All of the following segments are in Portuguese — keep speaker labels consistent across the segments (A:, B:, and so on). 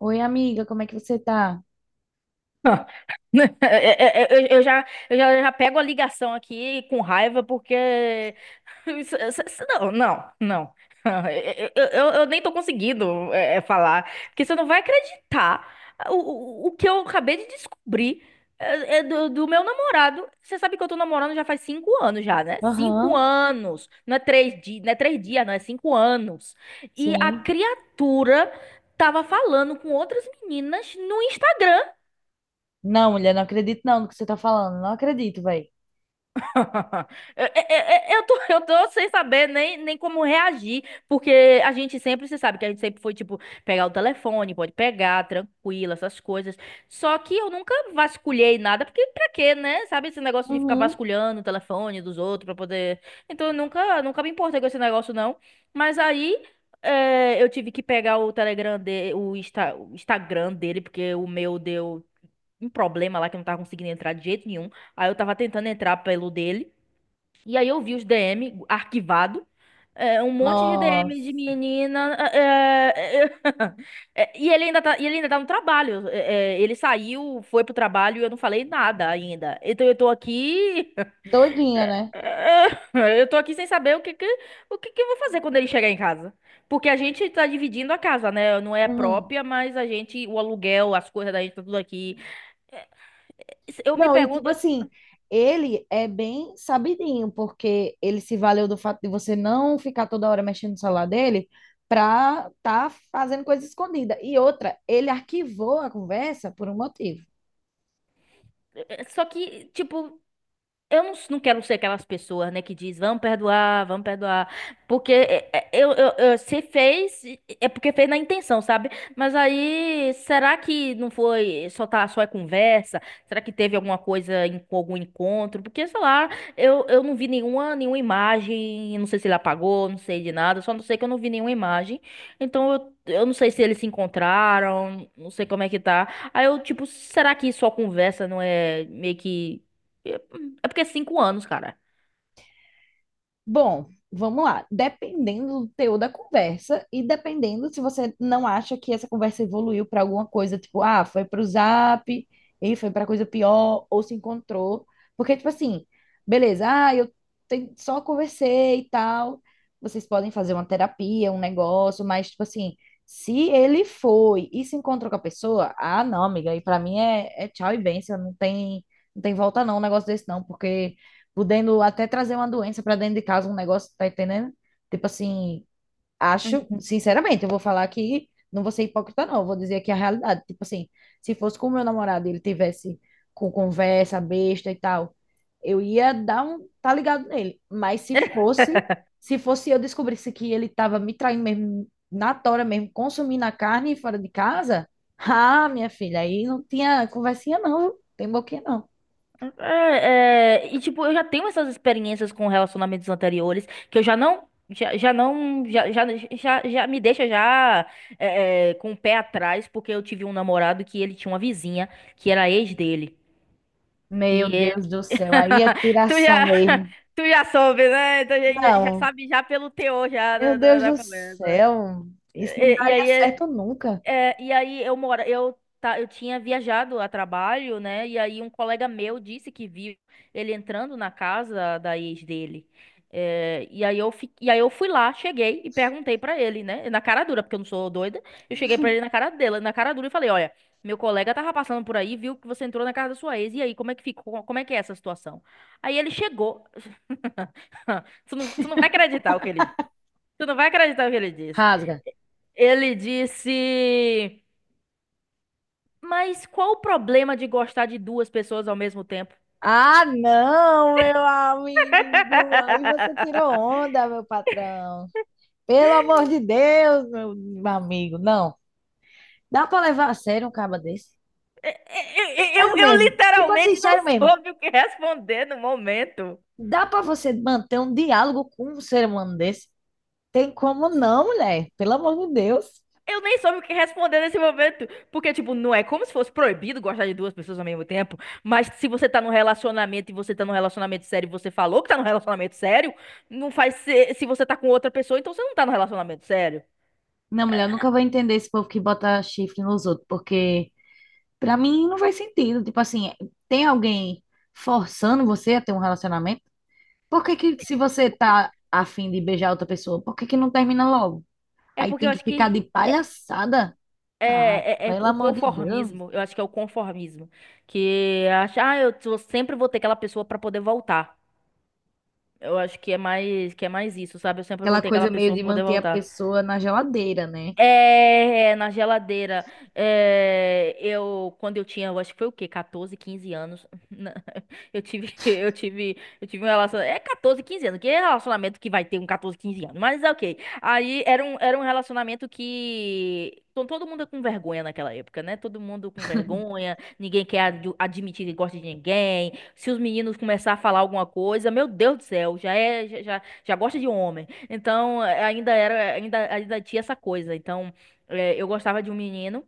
A: Oi, amiga, como é que você tá?
B: Eu já pego a ligação aqui com raiva porque. Não, não, não. Eu nem tô conseguindo falar, porque você não vai acreditar o que eu acabei de descobrir do meu namorado. Você sabe que eu tô namorando já faz 5 anos já, né? Cinco
A: Aham,
B: anos. Não é 3 dias, não é três dias, não, é 5 anos. E a
A: sim.
B: criatura tava falando com outras meninas no Instagram.
A: Não, mulher, não acredito não no que você tá falando. Não acredito, velho.
B: É- eu tô sem saber nem como reagir, porque a gente sempre, você sabe que a gente sempre foi, tipo, pegar o telefone, pode pegar, tranquilo, essas coisas. Só que eu nunca vasculhei nada, porque pra quê, né? Sabe esse negócio de ficar
A: Uhum.
B: vasculhando o telefone dos outros pra poder. Então eu nunca, nunca me importei com esse negócio, não. Mas aí. Eu tive que pegar o Telegram dele, o Instagram dele, porque o meu deu um problema lá que eu não tava conseguindo entrar de jeito nenhum. Aí eu tava tentando entrar pelo dele. E aí eu vi os DM arquivado, um monte de
A: Nossa.
B: DM de menina. E ele ainda tá no trabalho. Ele saiu, foi pro trabalho e eu não falei nada ainda. Então eu tô aqui.
A: Doidinha, né?
B: Eu tô aqui sem saber o que que eu vou fazer quando ele chegar em casa. Porque a gente tá dividindo a casa, né? Não é
A: Uhum.
B: própria, mas a gente, o aluguel, as coisas da gente, tá tudo aqui. Eu me
A: Não, e tipo
B: pergunto.
A: assim, ele é bem sabidinho, porque ele se valeu do fato de você não ficar toda hora mexendo no celular dele pra tá fazendo coisa escondida. E outra, ele arquivou a conversa por um motivo.
B: Só que, tipo, eu não quero ser aquelas pessoas, né, que diz, vamos perdoar, porque se fez, é porque fez na intenção, sabe? Mas aí, será que não foi só é conversa? Será que teve alguma coisa, algum encontro? Porque, sei lá, eu não vi nenhuma imagem, eu não sei se ele apagou, não sei de nada, só não sei que eu não vi nenhuma imagem, então eu não sei se eles se encontraram, não sei como é que tá. Aí eu, tipo, será que só conversa não é meio que... É porque é 5 anos, cara.
A: Bom, vamos lá. Dependendo do teor da conversa e dependendo se você não acha que essa conversa evoluiu para alguma coisa, tipo, ah, foi para o Zap, e foi para coisa pior, ou se encontrou. Porque, tipo assim, beleza, ah, eu só conversei e tal. Vocês podem fazer uma terapia, um negócio, mas, tipo assim, se ele foi e se encontrou com a pessoa, ah, não, amiga, e para mim é, é tchau e bênção, não tem, não tem volta não, um negócio desse não, porque podendo até trazer uma doença para dentro de casa, um negócio, tá entendendo? Tipo assim, acho,
B: Uhum.
A: sinceramente, eu vou falar que não vou ser hipócrita, não, eu vou dizer aqui a realidade. Tipo assim, se fosse com o meu namorado e ele tivesse com conversa besta e tal, eu ia dar um, tá ligado nele. Mas se fosse, se fosse eu descobrisse que ele tava me traindo mesmo, na tora mesmo, consumindo a carne fora de casa, ah, minha filha, aí não tinha conversinha, não, viu? Tem boquinha, não.
B: E tipo, eu já tenho essas experiências com relacionamentos anteriores que eu já não. Já, já não. Já, já, já, já me deixa já com o pé atrás, porque eu tive um namorado que ele tinha uma vizinha que era ex dele. E
A: Meu
B: ele.
A: Deus do céu, aí é
B: Tu
A: tiração
B: já.
A: mesmo.
B: Tu já soube, né? Então, já
A: Não,
B: sabe já pelo teor já
A: meu
B: da, da,
A: Deus
B: da
A: do
B: conversa.
A: céu, isso não
B: E, e
A: daria
B: aí
A: certo nunca.
B: e aí eu mora, eu tá, eu tinha viajado a trabalho, né? E aí um colega meu disse que viu ele entrando na casa da ex dele. E aí eu fui lá, cheguei e perguntei pra ele, né? Na cara dura, porque eu não sou doida. Eu cheguei pra ele na cara dela, na cara dura e falei: olha, meu colega tava passando por aí, viu que você entrou na casa da sua ex. E aí, como é que ficou? Como é que é essa situação? Aí ele chegou. Tu não vai acreditar o que ele, tu não vai acreditar o que ele disse.
A: Rasga.
B: Ele disse: mas qual o problema de gostar de duas pessoas ao mesmo tempo?
A: Ah, não, meu amigo, aí você tirou onda, meu patrão. Pelo amor de Deus, meu amigo, não. Dá pra levar a sério um caba desse?
B: É, é, é, Eu,
A: Sério
B: eu
A: mesmo, tipo assim,
B: literalmente não
A: sério mesmo.
B: soube o que responder no momento.
A: Dá pra você manter um diálogo com um ser humano desse? Tem como não, mulher, pelo amor de Deus.
B: Eu nem soube o que responder nesse momento. Porque, tipo, não é como se fosse proibido gostar de duas pessoas ao mesmo tempo. Mas se você tá num relacionamento e você tá num relacionamento sério e você falou que tá num relacionamento sério, não faz se você tá com outra pessoa, então você não tá num relacionamento sério.
A: Não, mulher, eu nunca vou entender esse povo que bota chifre nos outros, porque pra mim não faz sentido. Tipo assim, tem alguém forçando você a ter um relacionamento? Por que que se você tá afim de beijar outra pessoa, por que que não termina logo?
B: É
A: Aí
B: porque eu
A: tem que
B: acho
A: ficar
B: que
A: de palhaçada? Ah,
B: é
A: pelo
B: o
A: amor de Deus.
B: conformismo, eu acho que é o conformismo, que acha, ah, sempre vou ter aquela pessoa pra poder voltar. Eu acho que é mais isso, sabe? Eu sempre vou
A: Aquela
B: ter aquela
A: coisa meio
B: pessoa
A: de
B: pra poder
A: manter a
B: voltar.
A: pessoa na geladeira, né?
B: É, na geladeira. Quando eu tinha, eu acho que foi o quê? 14, 15 anos. Não, eu tive um relacionamento. É 14, 15 anos. Que é relacionamento que vai ter um 14, 15 anos? Mas é ok. Aí era um relacionamento que. Todo mundo com vergonha naquela época, né? Todo mundo com vergonha, ninguém quer admitir que gosta de ninguém. Se os meninos começar a falar alguma coisa, meu Deus do céu, já é, já, já já gosta de homem. Então, ainda era, ainda tinha essa coisa. Então, eu gostava de um menino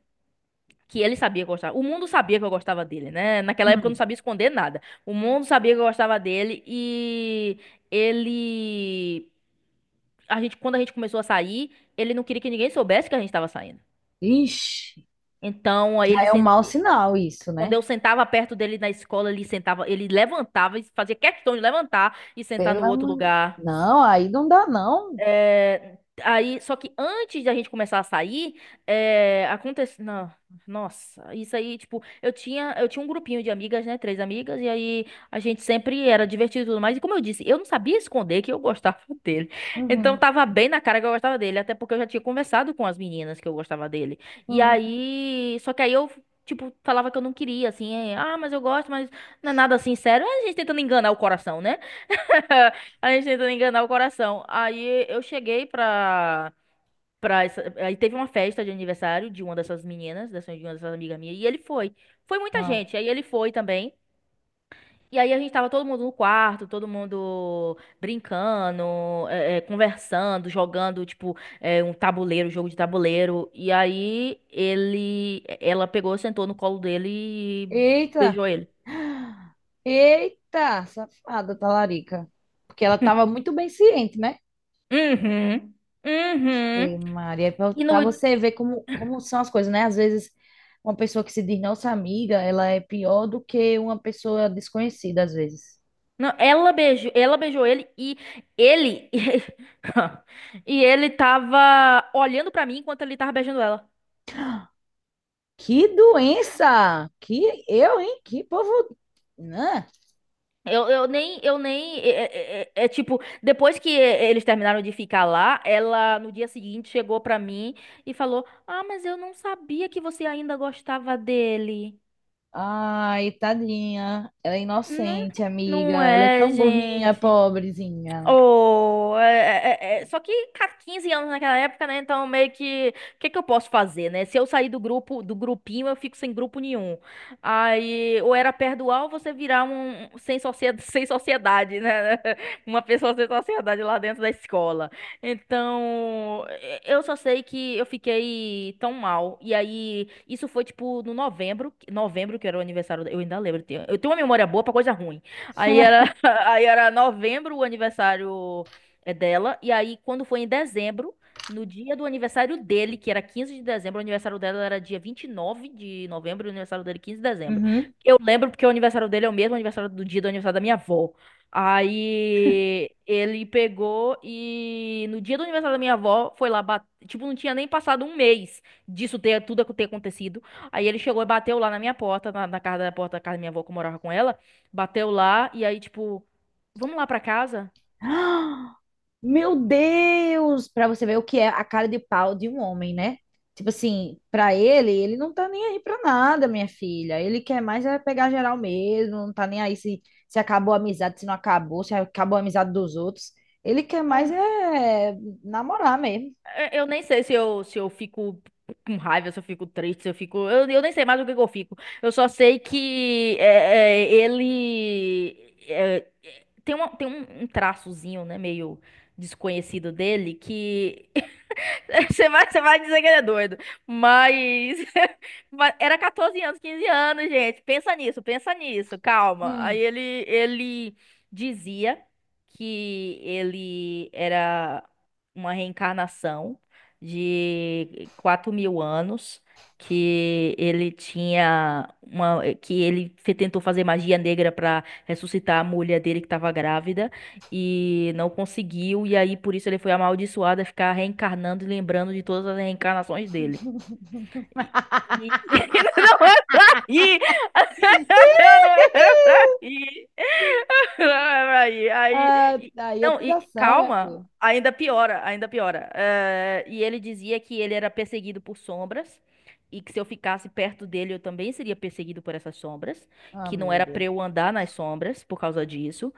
B: que ele sabia que eu gostava. O mundo sabia que eu gostava dele, né? Naquela época eu não
A: Hum.
B: sabia esconder nada. O mundo sabia que eu gostava dele. E ele, quando a gente começou a sair, ele não queria que ninguém soubesse que a gente estava saindo.
A: Ixi,
B: Então,
A: já é um mau sinal isso,
B: quando
A: né?
B: eu sentava perto dele na escola, ele sentava, ele levantava e fazia questão de levantar e sentar
A: Pelo
B: no outro
A: amor...
B: lugar.
A: Não, aí não dá, não.
B: É, só que antes da gente começar a sair, aconteceu. Não, nossa, isso aí, tipo, eu tinha um grupinho de amigas, né? Três amigas, e aí a gente sempre era divertido e tudo mais. E como eu disse, eu não sabia esconder que eu gostava dele. Então
A: Uhum.
B: tava bem na cara que eu gostava dele, até porque eu já tinha conversado com as meninas que eu gostava dele. E
A: Uhum.
B: aí, só que aí eu. Tipo, falava que eu não queria, assim, ah, mas eu gosto, mas não é nada assim sério. É a gente tentando enganar o coração, né? A gente tentando enganar o coração. Aí eu cheguei pra, pra essa- Aí teve uma festa de aniversário de uma dessas meninas, dessa, de uma dessas amigas minhas, e ele foi. Foi muita
A: Ah.
B: gente, aí ele foi também. E aí a gente tava todo mundo no quarto, todo mundo brincando, conversando, jogando, tipo, um tabuleiro, jogo de tabuleiro. E aí ele... Ela pegou, sentou no colo dele e
A: Eita!
B: beijou ele.
A: Eita, safada, talarica. Porque ela estava muito bem ciente, né?
B: Uhum.
A: Ei,
B: Uhum.
A: Maria,
B: E
A: para
B: no,
A: você ver como, como são as coisas, né? Às vezes, uma pessoa que se diz nossa amiga, ela é pior do que uma pessoa desconhecida, às vezes.
B: Não, ela beijou ele e ele e ele tava olhando pra mim enquanto ele tava beijando ela.
A: Que doença! Que eu, hein? Que povo. Né?
B: Eu nem, tipo, depois que eles terminaram de ficar lá, ela no dia seguinte chegou pra mim e falou: "Ah, mas eu não sabia que você ainda gostava dele".
A: Ai, tadinha. Ela é
B: Não,
A: inocente, amiga.
B: não
A: Ela é
B: é,
A: tão burrinha,
B: gente.
A: pobrezinha.
B: Oh, só que cara, 15 anos naquela época, né? Então meio que, o que que eu posso fazer, né? Se eu sair do grupo, do grupinho, eu fico sem grupo nenhum. Aí, ou era perdoar ou você virar um sem sociedade, sem sociedade, né? Uma pessoa sem sociedade lá dentro da escola. Então, eu só sei que eu fiquei tão mal. E aí, isso foi tipo no novembro, que era o aniversário, eu ainda lembro, eu tenho uma memória boa pra coisa ruim. Aí era, aí era novembro o aniversário dela. E aí, quando foi em dezembro, no dia do aniversário dele, que era 15 de dezembro, o aniversário dela era dia 29 de novembro, e o aniversário dele 15 de dezembro.
A: Uhum.
B: Eu lembro porque o aniversário dele é o mesmo aniversário do dia do aniversário da minha avó. Aí ele pegou e no dia do aniversário da minha avó foi lá, tipo, não tinha nem passado um mês disso ter tudo ter acontecido. Aí ele chegou e bateu lá na minha porta, na casa da porta da casa da minha avó que eu morava com ela. Bateu lá e aí, tipo, vamos lá pra casa?
A: Meu Deus! Pra você ver o que é a cara de pau de um homem, né? Tipo assim, pra ele, ele não tá nem aí pra nada, minha filha. Ele quer mais é pegar geral mesmo, não tá nem aí se acabou a amizade, se não acabou, se acabou a amizade dos outros. Ele quer mais
B: Ah,
A: é namorar mesmo.
B: Eu nem sei se eu fico com raiva, se eu fico triste, se eu fico. Eu nem sei mais o que que eu fico. Eu só sei que ele. Tem um traçozinho, né, meio desconhecido dele, que Você vai dizer que ele é doido. Mas, mas era 14 anos, 15 anos, gente. Pensa nisso, calma. Aí
A: Hum.
B: ele, ele dizia que ele era uma reencarnação de 4.000 anos, que ele tinha uma, que ele fe- tentou fazer magia negra para ressuscitar a mulher dele que estava grávida e não conseguiu, e aí por isso ele foi amaldiçoado a ficar reencarnando e lembrando de todas as reencarnações dele. E, e- não é pra rir! Eu Não é pra rir! Não é pra rir!
A: Ah, aí é
B: Não, e
A: tiração, minha
B: calma,
A: filha.
B: ainda piora, ainda piora. E ele dizia que ele era perseguido por sombras. E que se eu ficasse perto dele, eu também seria perseguido por essas sombras.
A: Ah,
B: Que não
A: meu
B: era pra
A: Deus.
B: eu andar nas sombras por causa disso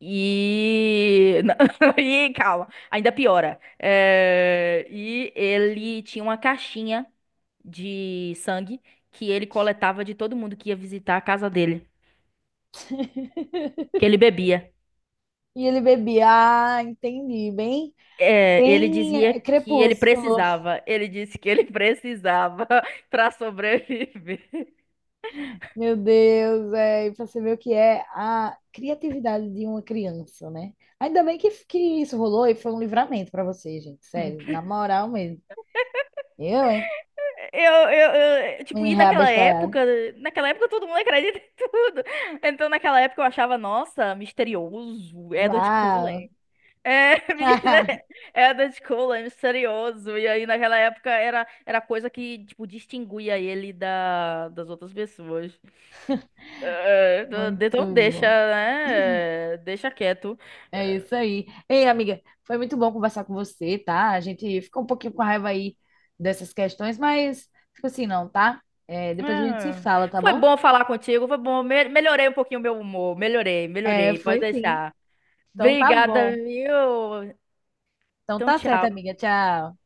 B: e. E calma, ainda piora. E ele tinha uma caixinha de sangue que ele coletava de todo mundo que ia visitar a casa dele, que ele bebia.
A: E ele bebia, ah, entendi, bem,
B: Ele
A: bem
B: dizia
A: é,
B: que ele
A: crepúsculo.
B: precisava. Ele disse que ele precisava para sobreviver.
A: Meu Deus, é, e pra você ver o que é a criatividade de uma criança, né? Ainda bem que isso rolou e foi um livramento pra você, gente, sério, na moral mesmo. Eu, hein?
B: Tipo,
A: Me
B: e
A: reabestalhado.
B: naquela época todo mundo acredita em tudo. Então, naquela época eu achava, nossa, misterioso, Edward
A: Uau!
B: Cullen. É, menina, é da escola, é misterioso. E aí, naquela época, era coisa que, tipo, distinguia ele das outras pessoas.
A: Muito
B: Então, deixa,
A: bom.
B: né? Deixa quieto.
A: É isso aí. Ei, amiga, foi muito bom conversar com você, tá? A gente ficou um pouquinho com raiva aí dessas questões, mas fica assim, não, tá? É, depois a gente se
B: Ah,
A: fala, tá
B: foi
A: bom?
B: bom falar contigo, foi bom. Melhorei um pouquinho o meu humor. Melhorei,
A: É,
B: melhorei. Pode
A: foi sim.
B: deixar.
A: Então tá
B: Obrigada,
A: bom.
B: viu?
A: Então
B: Então,
A: tá certo,
B: tchau.
A: amiga. Tchau.